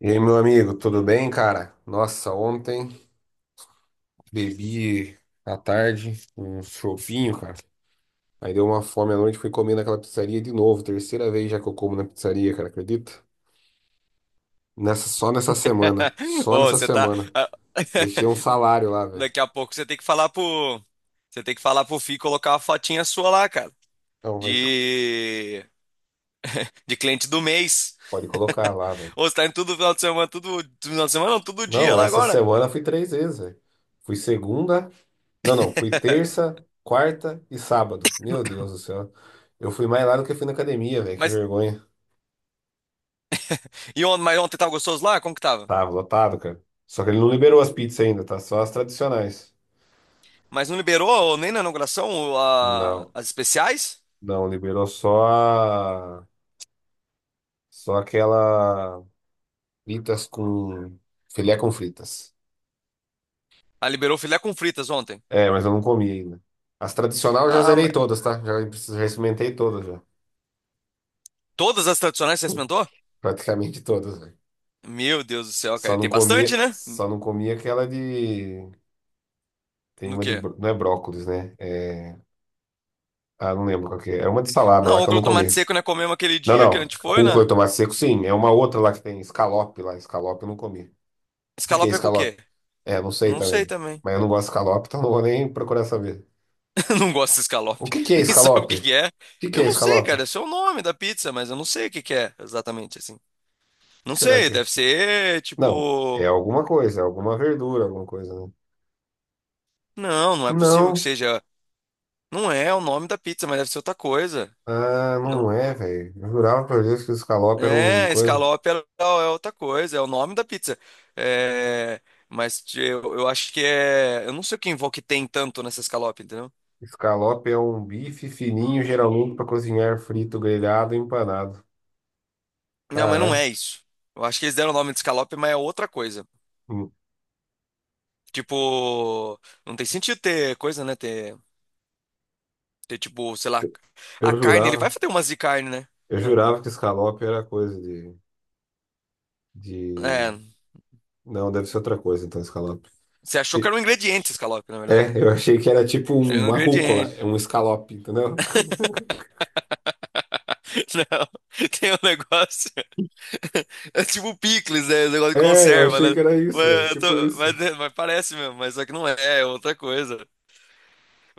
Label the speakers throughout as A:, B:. A: E aí, meu amigo, tudo bem, cara? Nossa, ontem bebi à tarde um chovinho, cara. Aí deu uma fome à noite, fui comer naquela pizzaria de novo. Terceira vez já que eu como na pizzaria, cara, acredita? Nessa, só nessa semana. Só
B: Ô,
A: nessa
B: você tá.
A: semana. Deixei um salário lá, velho.
B: Daqui a pouco você tem que falar pro. Você tem que falar pro Fih colocar uma fotinha sua lá, cara.
A: Não, vai,
B: De. De cliente do mês.
A: pode colocar lá, velho.
B: Ô, você tá indo todo final de semana, tudo. Final de semana, não, todo dia
A: Não,
B: lá
A: essa
B: agora.
A: semana fui três vezes, velho. Fui segunda. Não, não, fui terça, quarta e sábado. Meu Deus do céu. Eu fui mais lá do que fui na academia, velho. Que
B: Mas.
A: vergonha.
B: Mas ontem tava gostoso lá? Como que tava?
A: Tava lotado, cara. Só que ele não liberou as pizzas ainda, tá? Só as tradicionais.
B: Mas não liberou, ô, nem na inauguração, ô, a-
A: Não,
B: as especiais?
A: não, liberou só a... só aquela fritas com filé com fritas.
B: Ah, liberou filé com fritas ontem.
A: É, mas eu não comi ainda. As tradicionais eu já
B: Ah,
A: zerei todas, tá? Já experimentei todas já.
B: todas as tradicionais você experimentou?
A: Praticamente todas, velho.
B: Meu Deus do céu, cara.
A: Só
B: E
A: não
B: tem bastante,
A: comia,
B: né?
A: só não comia aquela de tem
B: No
A: uma de
B: quê?
A: bro- não é brócolis, né? Ah, não lembro qual que é. É uma de salada
B: Não,
A: lá que eu não
B: rúcula, tomate
A: comi.
B: seco, né? Comemos aquele
A: Não,
B: dia que a
A: não.
B: gente foi,
A: Rúcula e
B: né?
A: tomate seco, sim. É uma outra lá que tem escalope lá. Escalope eu não comi. O que que é
B: Escalope é com o
A: escalope?
B: quê?
A: É, não sei
B: Não sei
A: também.
B: também.
A: Mas eu não gosto de escalope, então não vou nem procurar saber.
B: Não gosto de
A: O
B: escalope.
A: que que é
B: Nem sabe o
A: escalope?
B: que que é.
A: O que que
B: Eu
A: é
B: não sei,
A: escalope?
B: cara.
A: O
B: Esse é o nome da pizza, mas eu não sei o que que é exatamente assim.
A: que
B: Não
A: será
B: sei,
A: que é?
B: deve ser
A: Não, é
B: tipo.
A: alguma coisa, é alguma verdura, alguma coisa, né?
B: Não, não é possível que
A: Não.
B: seja. Não é o nome da pizza, mas deve ser outra coisa.
A: Ah,
B: Não.
A: não é, velho. Eu jurava por Deus que o escalope era uma
B: É,
A: coisa.
B: escalope é outra coisa, é o nome da pizza. É. Mas eu acho que é. Eu não sei o que envolve que tem tanto nessa escalope, entendeu?
A: Escalope é um bife fininho, geralmente para cozinhar frito, grelhado, empanado.
B: Não, mas não
A: Caralho.
B: é isso. Eu acho que eles deram o nome de escalope, mas é outra coisa. Tipo, não tem sentido ter coisa, né? Ter tipo, sei lá, a
A: Eu
B: carne, ele vai
A: jurava.
B: fazer umas de carne, né?
A: Eu
B: Ah,
A: jurava que escalope era coisa
B: é.
A: de... Não, deve ser outra coisa, então, escalope.
B: Você achou que
A: E-
B: era um ingrediente escalope, na verdade, né?
A: É, eu achei que era tipo
B: É um
A: uma rúcula,
B: ingrediente.
A: é um Scallop, entendeu?
B: Não, tem um negócio. É tipo picles, né? Um negócio de
A: É, eu
B: conserva,
A: achei
B: né?
A: que era isso, velho,
B: Mas,
A: tipo isso.
B: né, mas parece mesmo, mas só que não é, é outra coisa.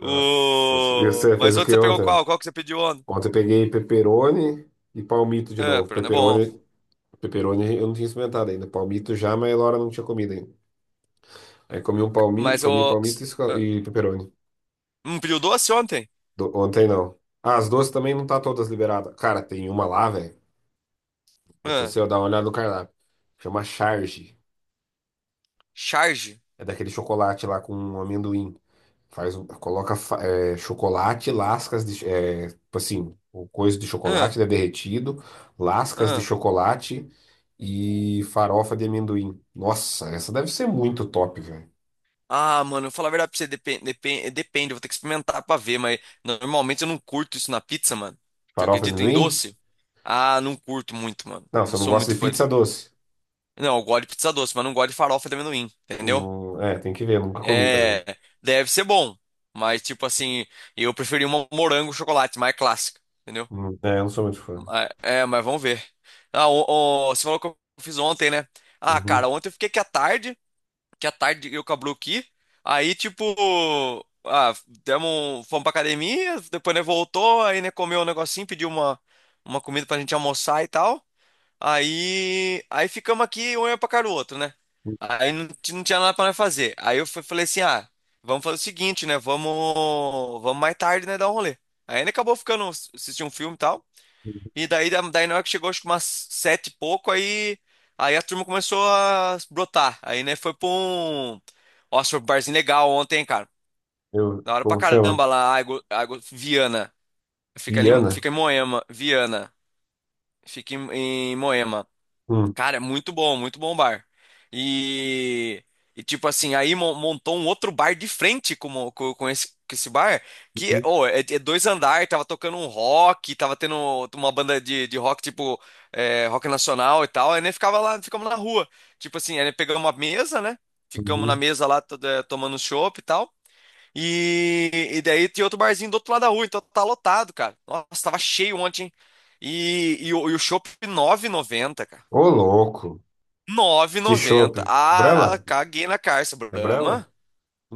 A: Nossa, e você fez
B: Mas
A: o
B: outro
A: que
B: você pegou
A: ontem?
B: qual? Qual que você pediu ontem?
A: Ontem eu peguei pepperoni e palmito de
B: É,
A: novo.
B: Perona é bom.
A: Pepperoni eu não tinha experimentado ainda. Palmito já, mas a Laura não tinha comido ainda. Aí comi um palmito,
B: Mas
A: comi
B: o.
A: palmito e,
B: ah,
A: e pepperoni.
B: Um pediu doce ontem?
A: Ontem não. Ah, as doces também não tá todas liberadas. Cara, tem uma lá, velho. Depois
B: Ah,
A: você dá uma olhada no cardápio. Chama Charge.
B: charge?
A: É daquele chocolate lá com amendoim. Faz, coloca é, chocolate, lascas de. É, tipo assim, o coisa de
B: Ah,
A: chocolate, né, derretido, lascas de
B: ah.
A: chocolate e farofa de amendoim. Nossa, essa deve ser muito top, velho.
B: Ah, mano, eu vou falar a verdade pra você, depende, depende, depende, eu vou ter que experimentar pra ver, mas normalmente eu não curto isso na pizza, mano. Você
A: Farofa de
B: acredita em
A: amendoim?
B: doce? Ah, não curto muito, mano.
A: Não,
B: Não
A: você não
B: sou
A: gosta
B: muito
A: de
B: fã
A: pizza
B: de.
A: doce?
B: Não, eu gosto de pizza doce, mas não gosto de farofa de amendoim, entendeu?
A: Não, é, tem que ver, nunca comi também.
B: É, deve ser bom, mas tipo assim, eu preferi uma morango chocolate mais clássica, entendeu?
A: É, eu não sou muito fã.
B: Ah, é, mas vamos ver. Ah, o, Você falou que eu fiz ontem, né? Ah, cara,
A: Uhum.
B: ontem eu fiquei aqui à tarde, que à tarde eu com a Blue aqui. Aí, tipo, ah, demos, fomos pra academia, depois, né, voltou, aí, né, comeu um negocinho, pediu uma, comida pra gente almoçar e tal. Aí ficamos aqui, um olhando pra cara do outro, né?
A: Uhum.
B: Aí não, não tinha nada pra nós fazer. Aí eu falei assim, ah, vamos fazer o seguinte, né, vamos mais tarde, né, dar um rolê. Aí, né, acabou ficando, assistir um filme e tal. E daí na hora que chegou, acho que umas sete e pouco, aí a turma começou a brotar. Aí, né, foi pra um. Nossa, foi um barzinho legal ontem, hein, cara.
A: Eu,
B: Da hora pra
A: como chama?
B: caramba lá, Água Viana. Fica ali,
A: Viana?
B: fica em Moema, Viana. Fica em Moema.
A: Hum.
B: Cara, é muito bom bar. E, e tipo assim, aí montou um outro bar de frente com, o- com, com esse bar, que
A: Uhum.
B: ô, é dois andares, tava tocando um rock, tava tendo uma banda de rock, tipo, é, rock nacional e tal, aí nem ficava lá, ficamos na rua. Tipo assim, aí pegamos uma mesa, né? Ficamos na
A: Uhum.
B: mesa lá, tomando chopp e tal. E daí tinha outro barzinho do outro lado da rua, então tá lotado, cara. Nossa, tava cheio ontem, hein? E o chopp R$ 9,90, cara,
A: Ô, louco.
B: nove e
A: Que chopp.
B: noventa. Ah,
A: Brahma?
B: caguei na calça.
A: É Brahma?
B: Brahma,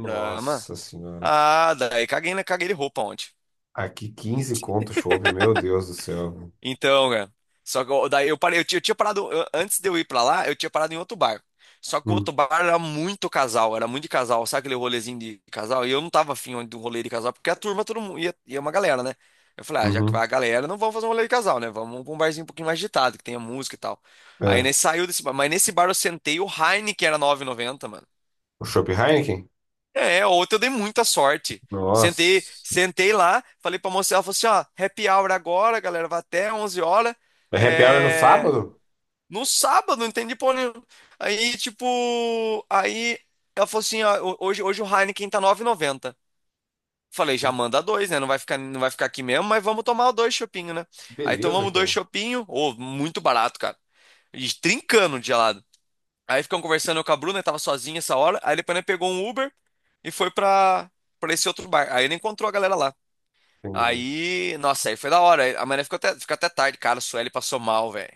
B: Brahma.
A: senhora.
B: Ah, daí caguei de roupa ontem.
A: Aqui 15 conto o chopp, meu Deus do céu.
B: Então, cara. Só que daí eu parei, eu tinha parado antes de eu ir pra lá, eu tinha parado em outro bar. Só que o
A: Hum,
B: outro bar era muito casal, era muito de casal, sabe aquele rolezinho de casal? E eu não tava afim de um rolê de casal, porque a turma todo mundo ia, uma galera, né? Eu falei, ah, já que vai
A: uhum.
B: a galera, não vamos fazer um rolê de casal, né? Vamos pra um barzinho um pouquinho mais agitado, que tenha música e tal. Aí
A: É.
B: nesse saiu desse bar, mas nesse bar eu sentei o Heineken era nove e noventa, mano.
A: O chopp Heineken?
B: É, outra eu dei muita sorte. Sentei,
A: Nossa.
B: sentei lá, falei pra moça, ela falou assim, ó, happy hour agora, galera, vai até 11 horas.
A: É happy hour no
B: É.
A: sábado?
B: No sábado, não entendi porra nenhuma. Aí, tipo, aí ela falou assim, ó, hoje o Heineken tá nove e noventa. Falei, já manda dois, né? Não vai ficar, não vai ficar aqui mesmo, mas vamos tomar dois chopinhos, né? Aí
A: Beleza,
B: tomamos dois
A: cara.
B: chopinhos, ou muito barato, cara. E trincando de gelado. Aí ficamos conversando eu com a Bruna, que tava sozinha essa hora. Aí depois ele pegou um Uber e foi pra, esse outro bar. Aí ele encontrou a galera lá.
A: Tem...
B: Aí, nossa, aí foi da hora. Aí a mané ficou até tarde, cara. A Sueli passou mal, velho.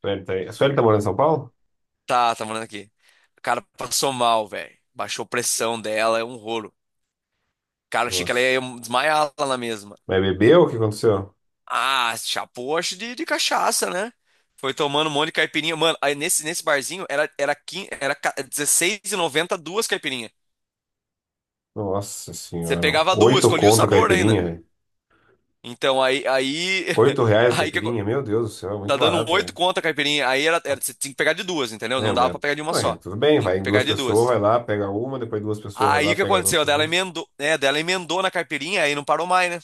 A: Sueli tá aí. A Sueli tá morando em São Paulo?
B: Tá morando aqui. O cara passou mal, velho. Baixou a pressão dela, é um rolo. Cara, achei que ela
A: Nossa.
B: ia desmaiar lá na mesma.
A: Mas bebeu? O que aconteceu?
B: Ah, chapou, acho de cachaça, né? Foi tomando um monte de caipirinha. Mano, aí nesse barzinho era 15, dezesseis e noventa duas caipirinhas.
A: Nossa
B: Você
A: senhora.
B: pegava duas,
A: Oito
B: escolhia o
A: conto a
B: sabor
A: caipirinha,
B: ainda.
A: velho.
B: Então
A: Oito reais a
B: aí que acon-
A: caipirinha? Meu Deus do céu, é
B: tá
A: muito
B: dando um
A: barato,
B: oito
A: velho.
B: conto a caipirinha. Aí era, você tinha que pegar de duas, entendeu?
A: É,
B: Não dava
A: mas
B: pra pegar de uma
A: ué,
B: só.
A: tudo bem,
B: Tinha
A: vai
B: que
A: em
B: pegar
A: duas
B: de
A: pessoas, vai
B: duas.
A: lá, pega uma, depois duas pessoas, vai
B: Aí
A: lá,
B: o que
A: pega as
B: aconteceu?
A: outras
B: Dela
A: duas.
B: emendou, né? Dela emendou na caipirinha, aí não parou mais, né?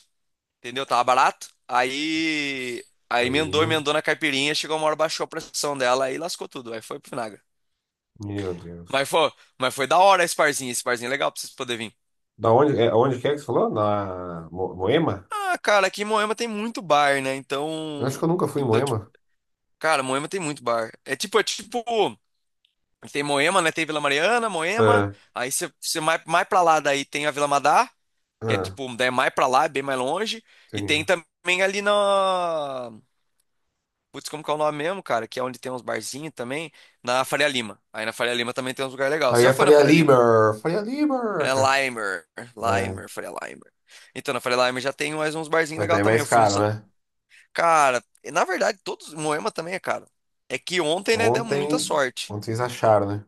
B: Entendeu? Tava barato. Aí emendou,
A: Aí,
B: emendou na caipirinha, chegou uma hora, baixou a pressão dela, aí lascou tudo. Aí foi pro vinagre.
A: meu
B: Mas
A: Deus.
B: foi, mas foi da hora esse barzinho é legal pra vocês poderem vir.
A: Da onde, é, onde que é que você falou? Na Moema?
B: Ah, cara, aqui em Moema tem muito bar, né?
A: Eu acho
B: Então,
A: que eu nunca fui em
B: então, tipo,
A: Moema.
B: cara, Moema tem muito bar. É tipo, tem Moema, né? Tem Vila Mariana, Moema.
A: Ah,
B: Aí você mais pra lá daí tem a Vila Madá, que é
A: ah,
B: tipo, daí é mais pra lá, é bem mais longe. E
A: entendi.
B: tem também ali na. Putz, como que é o nome mesmo, cara? Que é onde tem uns barzinhos também. Na Faria Lima. Aí na Faria Lima também tem uns lugares legais. Você
A: Aí
B: já
A: eu
B: foi na Faria Lima, né?
A: Falei a Liber,
B: Faria
A: cara.
B: Limer.
A: É,
B: Limer, Faria Limer. Então, na Faria Limer já tem mais uns barzinhos
A: mas daí
B: legais
A: é
B: também.
A: mais
B: Eu fui no.
A: caro, né?
B: Cara, na verdade, todos. Moema também é caro. É que ontem, né, deu muita
A: Ontem,
B: sorte.
A: ontem vocês acharam, né?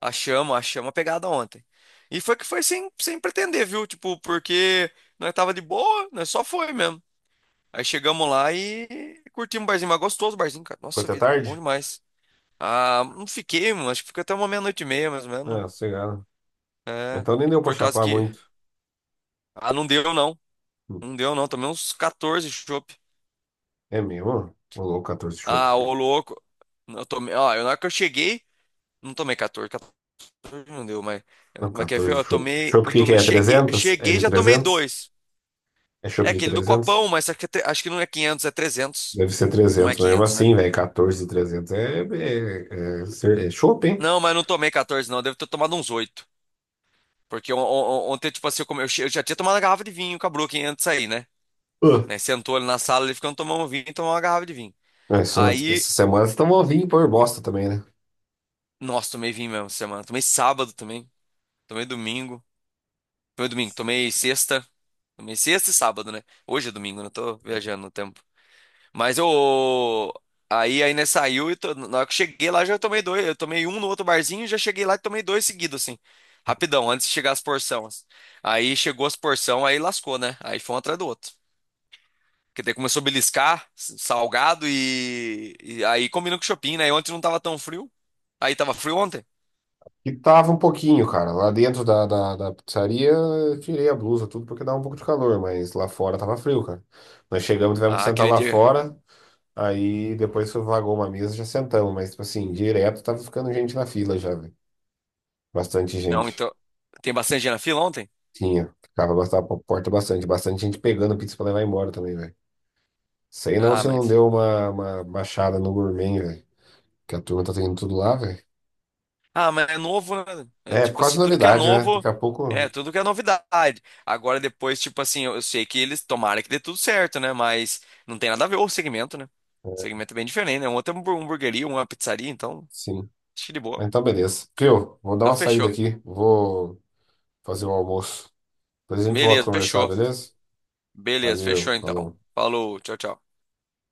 B: Achamos, achamos a pegada ontem. E foi que foi sem pretender, viu? Tipo, porque nós tava de boa, nós só foi mesmo. Aí chegamos lá e curtimos o barzinho, mas gostoso o barzinho, cara.
A: Ficou
B: Nossa
A: até
B: vida, bom
A: tarde?
B: demais. Ah, não fiquei, mano. Acho que fica até uma meia-noite e meia, mais ou
A: Ah,
B: menos.
A: sossegado.
B: É,
A: Então nem
B: e
A: deu pra
B: por causa
A: chapar
B: que.
A: muito.
B: Ah, não deu não.
A: Hum,
B: Não deu não. Tomei uns 14 chopp.
A: É mesmo? Ô louco, 14 chopps.
B: Ah, ô louco. Eu tomei. Ó, na hora que eu cheguei, não tomei 14. 14 não deu, mas.
A: Não,
B: Mas quer ver?
A: 14
B: Eu
A: chopp.
B: tomei.
A: Chopp,
B: Eu
A: que
B: tomei.
A: é?
B: Cheguei, eu
A: 300? É
B: cheguei e
A: de
B: já tomei
A: 300?
B: dois.
A: É
B: É
A: chopp de
B: aquele do
A: 300?
B: copão, mas acho que não é quinhentos, é 300.
A: Deve ser
B: Não é
A: 300 mesmo
B: 500, né?
A: assim, velho. 14 de é chopp, hein?
B: Não, mas não tomei 14, não. Devo ter tomado uns oito. Porque ontem, tipo assim, eu, come- eu che- eu já tinha tomado uma garrafa de vinho com a Brooklyn antes de sair, né?
A: Uh.
B: Né, sentou ali na sala, ele ficando tomando vinho e tomou uma garrafa de vinho.
A: Essa
B: Aí,
A: semana vocês estão novinhos por bosta também, né?
B: nossa, tomei vinho mesmo essa semana. Tomei sábado também. Tomei domingo. Tomei domingo, tomei sexta. Tomei sexta e sábado, né? Hoje é domingo, não tô viajando no tempo. Mas eu. Aí ainda saiu e na hora que eu cheguei lá já tomei dois. Eu tomei um no outro barzinho e já cheguei lá e tomei dois seguidos, assim. Rapidão, antes de chegar as porções. Aí chegou as porções, aí lascou, né? Aí foi um atrás do outro. Porque daí começou a beliscar, salgado e aí combinou com o shopping, né? E ontem não tava tão frio. Aí tava frio ontem?
A: E tava um pouquinho, cara. Lá dentro da pizzaria, eu tirei a blusa, tudo, porque dava um pouco de calor, mas lá fora tava frio, cara. Nós chegamos, tivemos que
B: Ah,
A: sentar
B: aquele
A: lá
B: dia.
A: fora, aí depois vagou uma mesa, já sentamos, mas, tipo assim, direto tava ficando gente na fila já, velho. Bastante
B: Não,
A: gente.
B: então. Tem bastante gente na fila ontem?
A: Tinha. Ficava bastava pra porta bastante. Bastante gente pegando pizza pra levar embora também, velho. Sei não
B: Ah,
A: se não
B: mas.
A: deu uma baixada no gourmet, velho. Que a turma tá tendo tudo lá, velho.
B: Ah, mas é novo, né? É,
A: É, por
B: tipo
A: causa
B: assim,
A: da
B: tudo que é
A: novidade, né? Daqui
B: novo,
A: a
B: é,
A: pouco,
B: tudo que é novidade. Agora depois, tipo assim, eu sei que eles tomaram que dê tudo certo, né? Mas não tem nada a ver o segmento, né? O
A: é,
B: segmento é bem diferente, né? Um outro é uma hamburgueria, uma pizzaria, então,
A: sim.
B: acho que de boa.
A: Mas então, beleza. Viu? Vou dar
B: Então
A: uma saída
B: fechou.
A: aqui. Vou fazer o almoço. Depois a gente volta a
B: Beleza,
A: conversar,
B: fechou.
A: beleza?
B: Beleza,
A: Valeu,
B: fechou então.
A: falou.
B: Falou, tchau, tchau.